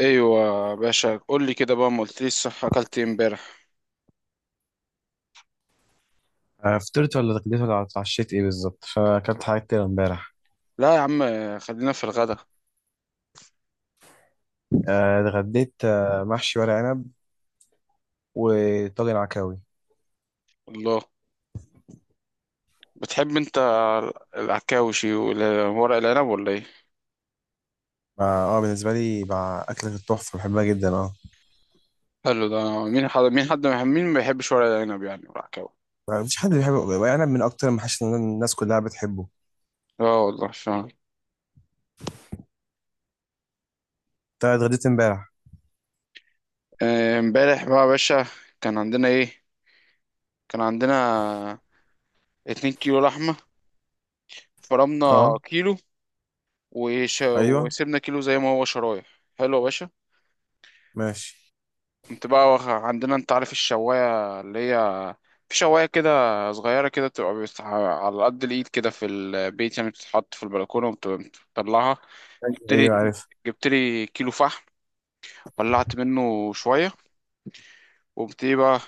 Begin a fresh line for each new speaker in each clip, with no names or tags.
ايوه يا باشا، قول لي كده بقى. ما قلتليش، صح، اكلت ايه امبارح؟
فطرت ولا اتغديت ولا اتعشيت ايه بالظبط فاكلت حاجات كتير امبارح.
لا يا عم، خلينا في الغدا.
اتغديت، محشي ورق عنب وطاجن عكاوي.
الله، بتحب انت العكاوشي وورق العنب ولا ايه؟
اه، بالنسبه لي بقى اكله التحفه بحبها جدا اه.
حلو ده. مين ما بيحبش ورق العنب يعني والعكاوي؟
ما فيش حد بيحب ورق عنب، من اكتر المحاشي اللي الناس كلها بتحبه.
اه والله فعلا.
انت اتغديت امبارح؟
امبارح بقى يا باشا كان عندنا ايه؟ كان عندنا 2 كيلو لحمه. فرمنا
اه،
كيلو
ايوه،
وسيبنا كيلو زي ما هو شرايح. حلو يا باشا.
ماشي.
كنت بقى عندنا، انت عارف الشواية اللي هي، في شواية كده صغيرة كده بتبقى على قد الإيد كده في البيت، يعني بتتحط في البلكونة وبتطلعها. جبت لي
ايوه عارف.
جبت لي كيلو فحم، ولعت منه شوية وقمت ايه بقى،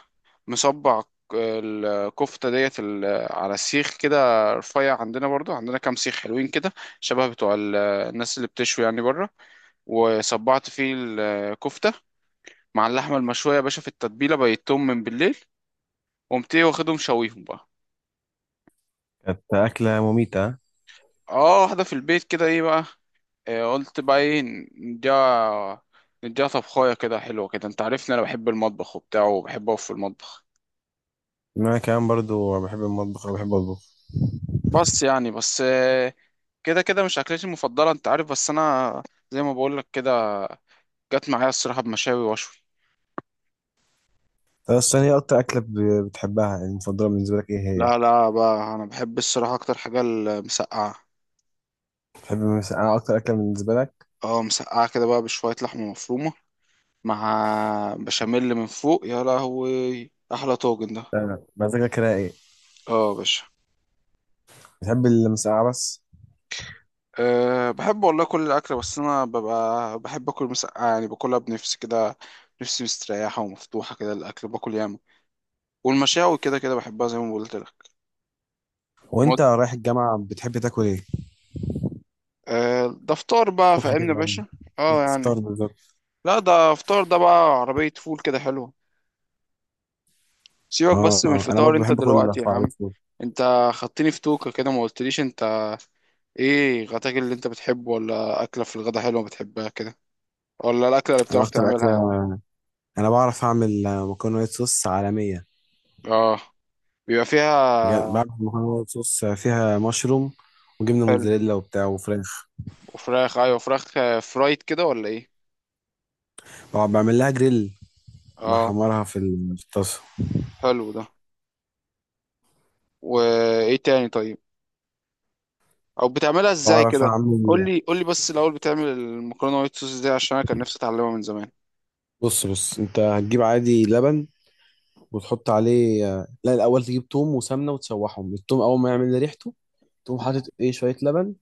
مصبع الكفتة ديت على السيخ كده رفيع. عندنا برضو عندنا كام سيخ حلوين كده، شبه بتوع الناس اللي بتشوي يعني بره. وصبعت فيه الكفتة مع اللحمة المشوية يا باشا، في التتبيلة بيتهم من بالليل. قمت ايه، واخدهم شويهم بقى.
كانت اكله مميته.
اه، واحدة في البيت كده، ايه بقى، آه، قلت بقى ايه، نديها، نديها طبخاية كده حلوة كده. انت عارفني، انا بحب المطبخ وبتاع، وبحب اقف في المطبخ،
انا كمان برضو بحب المطبخ وبحب اطبخ.
بس كده كده مش اكلتي المفضلة، انت عارف، بس انا زي ما بقولك كده جت معايا الصراحة بمشاوي وشوي.
بس ثانية، اكتر اكله بتحبها المفضله بالنسبه لك ايه هي؟
لا لا بقى، انا بحب الصراحه اكتر حاجه المسقعه.
بتحب مثلا، انا اكتر اكله بالنسبه لك،
اه، مسقعه كده بقى، بشويه لحمه مفرومه مع بشاميل من فوق، يا لهوي احلى طاجن ده.
مزاجك رايق.
اه يا باشا.
بتحب المسقعة بس؟
أه بحب والله كل الأكل، بس أنا ببقى بحب أكل مسقعة يعني، باكلها بنفسي كده، نفسي مستريحة ومفتوحة كده، الأكل باكل ياما. والمشاوي كده كده بحبها زي ما قلت لك. ما
وانت
قلت-
رايح الجامعة بتحب تاكل ايه؟
أه ده فطار بقى،
الصبح
فاهمني يا
كده يعني،
باشا. اه يعني.
الفطار بالظبط.
لا ده فطار ده بقى، عربية فول كده حلوة. سيبك
اه.
بس من
انا
الفطار
برضو
انت
بحب اكل
دلوقتي يا
في عربية
عم.
فول.
انت خدتني في توكة كده، ما قلتليش انت ايه غداك اللي انت بتحبه، ولا أكلة في الغدا حلوة بتحبها كده، ولا الأكلة اللي
انا
بتعرف
اكتر
تعملها يا عم؟
اكلة، انا بعرف اعمل مكرونة وايت صوص عالمية.
اه، بيبقى
بجد
فيها.
بعمل مكرونة وايت صوص فيها مشروم وجبنة
حلو
موتزاريلا وبتاع وفراخ.
وفراخ، ايوه فراخ، فرايد كده ولا ايه؟
بقعد بعمل لها جريل،
اه.
بحمرها في الطاسة.
حلو ده. وايه تاني طيب، او بتعملها ازاي
بعرف
كده؟ قول
اعمل.
لي، قول لي بس الاول بتعمل المكرونه وايت صوص دي، عشان انا كان نفسي اتعلمها من زمان.
بص انت هتجيب عادي لبن، وتحط عليه، لا الاول تجيب توم وسمنة وتشوحهم، التوم اول ما يعمل ريحته تقوم حاطط ايه شوية لبن،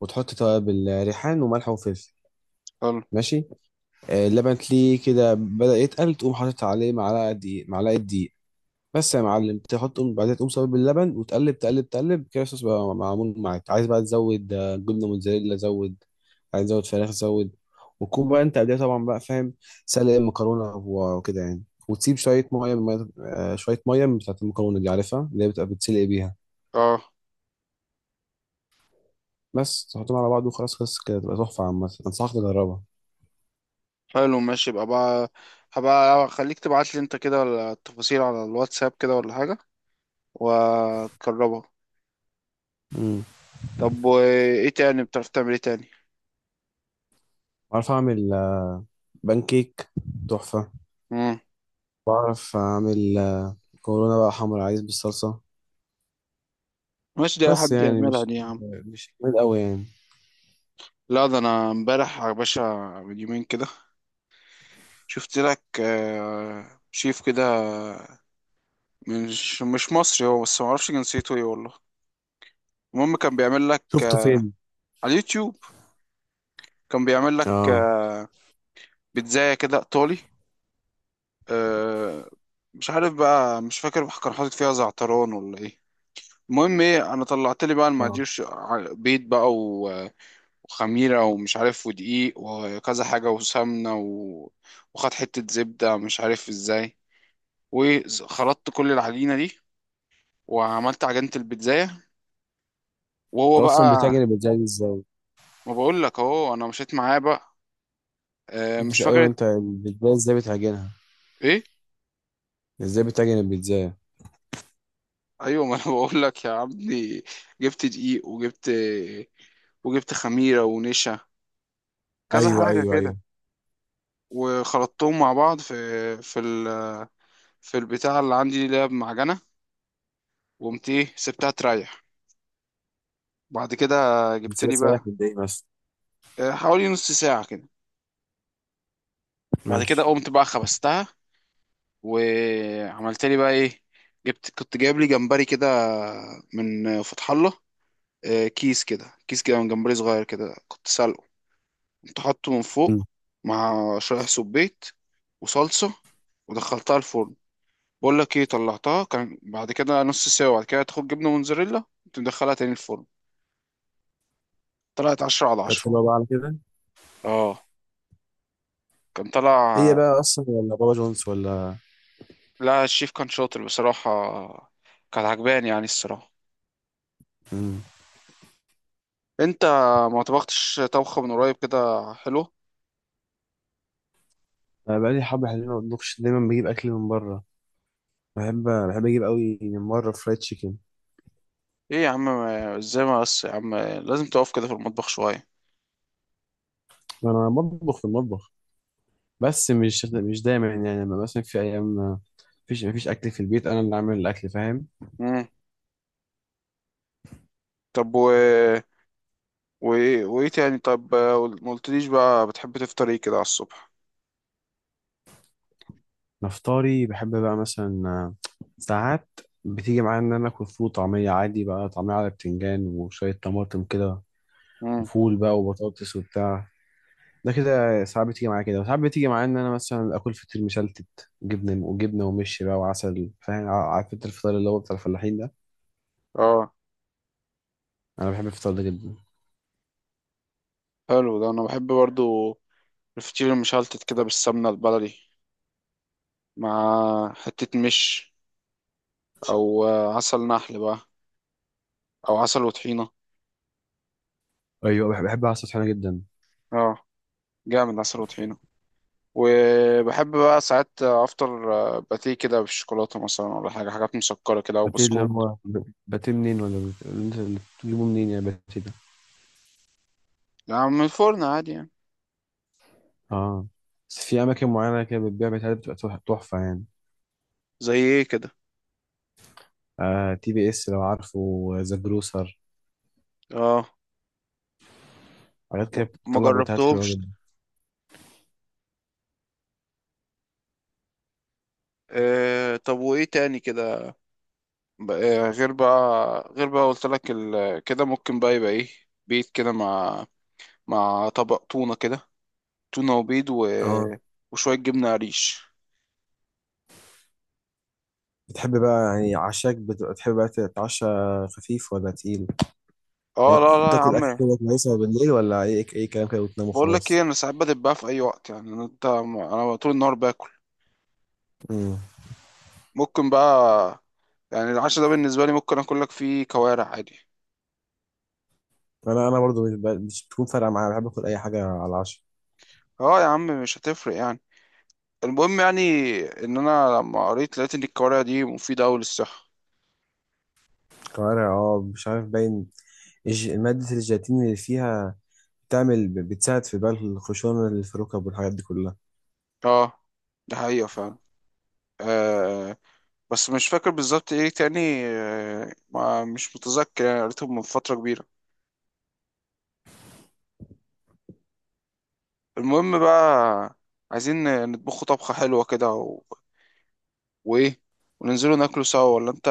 وتحط توابل ريحان وملح وفلفل.
حلو.
ماشي، اللبن تلاقيه كده بدأ يتقل، تقوم حاطط عليه معلقة دقيق، معلقة دقيق بس يا معلم. تحط بعدها تقوم صابب اللبن وتقلب تقلب تقلب كده، الصوص بقى معمول معاك. عايز بقى تزود جبنة موتزاريلا، زود. عايز تزود فراخ، زود. وتكون بقى انت قبلها طبعا بقى فاهم سلق المكرونة وكده يعني، وتسيب شوية مية شوية مية من بتاعة المكرونة دي، عارفها، اللي هي بتبقى بتسلق بيها.
اه،
بس تحطهم على بعض وخلاص، خلص كده، تبقى تحفة. عامة أنصحك تجربها.
حلو ماشي. يبقى بقى هبقى خليك تبعت لي انت كده التفاصيل على الواتساب كده ولا حاجه، وتجربها.
مم.
طب وايه تاني، بتعرف تعمل ايه تاني؟
عارف أعمل بانكيك تحفة.
مم.
بعرف أعمل، كورونا بقى حمر عايز بالصلصة.
ماشي، دي اي
بس
حد
يعني
يعملها
مش
دي يا عم.
مش جامد أوي يعني.
لا ده انا امبارح يا باشا، من يومين كده شفت لك شيف كده مش مصري هو، بس معرفش جنسيته ايه والله. المهم كان بيعمل لك
شفته فين؟
على اليوتيوب، كان بيعمل لك
اه.
بيتزاية كده ايطالي. آه، مش عارف بقى، مش فاكر كان حاطط فيها زعتران ولا ايه. المهم ايه، انا طلعت لي بقى
اه،
المقادير، بيض بقى وخميره ومش عارف ودقيق وكذا حاجه وسمنه و... وخد حته زبده، مش عارف ازاي، وخلطت كل العجينه دي وعملت عجينه البيتزا.
أنت
وهو
أصلا
بقى،
بتعجن البيتزا دي إزاي؟
ما بقول لك اهو انا مشيت معاه بقى. آه، مش
أيوه،
فاكر.
أنت البيتزا إزاي بتعجنها؟
ايه؟
إزاي بتعجن البيتزا؟
ايوه ما انا بقول لك يا عبدي، جبت دقيق وجبت وجبت خميره ونشا كذا
أيوه
حاجه
أيوه
كده،
أيوه.
وخلطتهم مع بعض في في ال في البتاع اللي عندي اللي هي بمعجنه. وقمت ايه، سبتها تريح. بعد كده جبت
بس
لي
لسه رايح
بقى،
قد إيه بس.
حوالي نص ساعه كده. بعد كده
ماشي.
قمت بقى خبزتها، وعملت لي بقى ايه، كنت جايب لي جمبري كده من فتح الله. كيس كده، كيس كده من جمبري صغير كده، كنت سلقه، كنت حاطه من
مم.
فوق مع شرايح سبيت وصلصة، ودخلتها الفرن. بقول لك ايه، طلعتها كان بعد كده نص ساعة، وبعد كده تاخد جبنة موتزاريلا، تدخلها تاني الفرن. طلعت عشرة على
كانت
عشرة
حلوة بقى على كده؟
اه، كان طلع.
هي بقى أصلا ولا بابا جونز ولا؟
لا الشيف كان شاطر بصراحة، كان عجباني يعني الصراحة.
مم.
انت ما طبختش طبخة من قريب كده. حلو.
أنا بقالي حبة حلوين ما بطبخش، دايما بجيب أكل من بره. بحب، بحب أجيب أوي من بره فرايد تشيكن.
ايه يا عم ما- ازاي ما بس يا عم، لازم تقف كده في المطبخ شوية.
أنا بطبخ في المطبخ، بس مش دايما، يعني لما مثلا في ايام ما فيش، ما فيش اكل في البيت انا اللي عامل الاكل فاهم.
مم. طب و وايه وايه تاني طب، ما قلتليش بقى، بتحب تفطر ايه كده على الصبح؟
نفطاري بحب بقى مثلا، ساعات بتيجي معايا ان انا اكل فول وطعميه، عادي بقى طعميه على بتنجان وشويه طماطم كده،
امم.
وفول بقى وبطاطس وبتاع. ده كده ساعات بتيجي معايا كده، وساعات بتيجي معايا ان انا مثلا اكل فطير مشلتت جبنه وجبنه ومش بقى وعسل، فاهم، عارف انت الفطار اللي هو بتاع الفلاحين ده.
اه
انا بحب الفطار ده جدا.
حلو ده، انا بحب برضو الفطير المشلتت كده بالسمنه البلدي، مع حته مش، او عسل نحل بقى، او عسل وطحينه.
ايوه، بحب عسل طحينه جدا.
اه، جامد عسل وطحينه. وبحب بقى ساعات افطر باتيه كده بالشوكولاته مثلا، ولا حاجه حاجات مسكره كده، او
باتيه اللي
بسكوت.
هو باتيه منين، اللي انت اللي بتجيبه منين يعني باتيه ده؟
يعني من الفرن عادي يعني.
اه، بس في اماكن معينه كده بتبيع باتيهات بتبقى تحفه يعني.
زي ايه كده؟
آه، TBS لو عارفه، ذا جروسر،
اه.
حاجات كده
ما
بتطلع باتيهات حلوه
جربتهمش.
جدا.
آه طب وايه تاني كده، بقى غير بقى، غير بقى قلت لك ال... كده، ممكن بقى يبقى ايه، بيت كده، مع مع طبق تونة كده، تونة وبيض و...
اه،
وشوية جبنة قريش.
بتحب بقى يعني عشاك بتبقى تحب بقى تتعشى خفيف ولا تقيل؟ يعني
اه. لا لا يا
تاكل اكل
عم،
كده كويسه بالليل، ولا اي اي كلام كده وتنام
بقول لك
وخلاص؟
ايه، انا ساعات بدب في اي وقت يعني، انت انا طول النهار باكل.
امم.
ممكن بقى يعني العشاء ده بالنسبة لي ممكن اكل لك فيه كوارع عادي.
انا برضو مش بتكون فارقه معايا، بحب اكل اي حاجه على العشاء.
اه يا عم، مش هتفرق يعني. المهم يعني، ان انا لما قريت لقيت ان الكوارع دي مفيدة اوي للصحة.
كوارع، اه مش عارف، باين ماده الجيلاتين اللي فيها بتعمل، بتساعد في بقى الخشونة اللي في الركب والحاجات دي كلها.
اه، ده حقيقة فعلا. آه، بس مش فاكر بالظبط ايه تاني. ما مش متذكر يعني، قريته من فترة كبيرة. المهم بقى، عايزين نطبخه طبخة حلوة كده و... وايه، وننزلوا ناكله سوا. ولا انت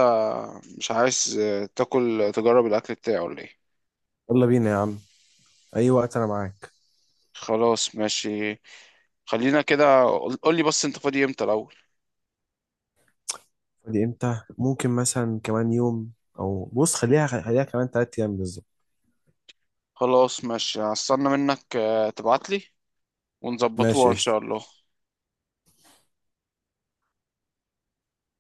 مش عايز تاكل تجرب الأكل بتاعه ولا ايه؟
يلا بينا يا عم، أي وقت أنا معاك.
خلاص ماشي، خلينا كده. قول لي بس انت فاضي امتى الأول.
فاضي إمتى؟ ممكن مثلا كمان يوم، أو بص، خليها كمان 3 أيام بالظبط.
خلاص ماشي، هستنى منك تبعتلي
ماشي،
ونظبطوها ان
قشطة.
شاء الله.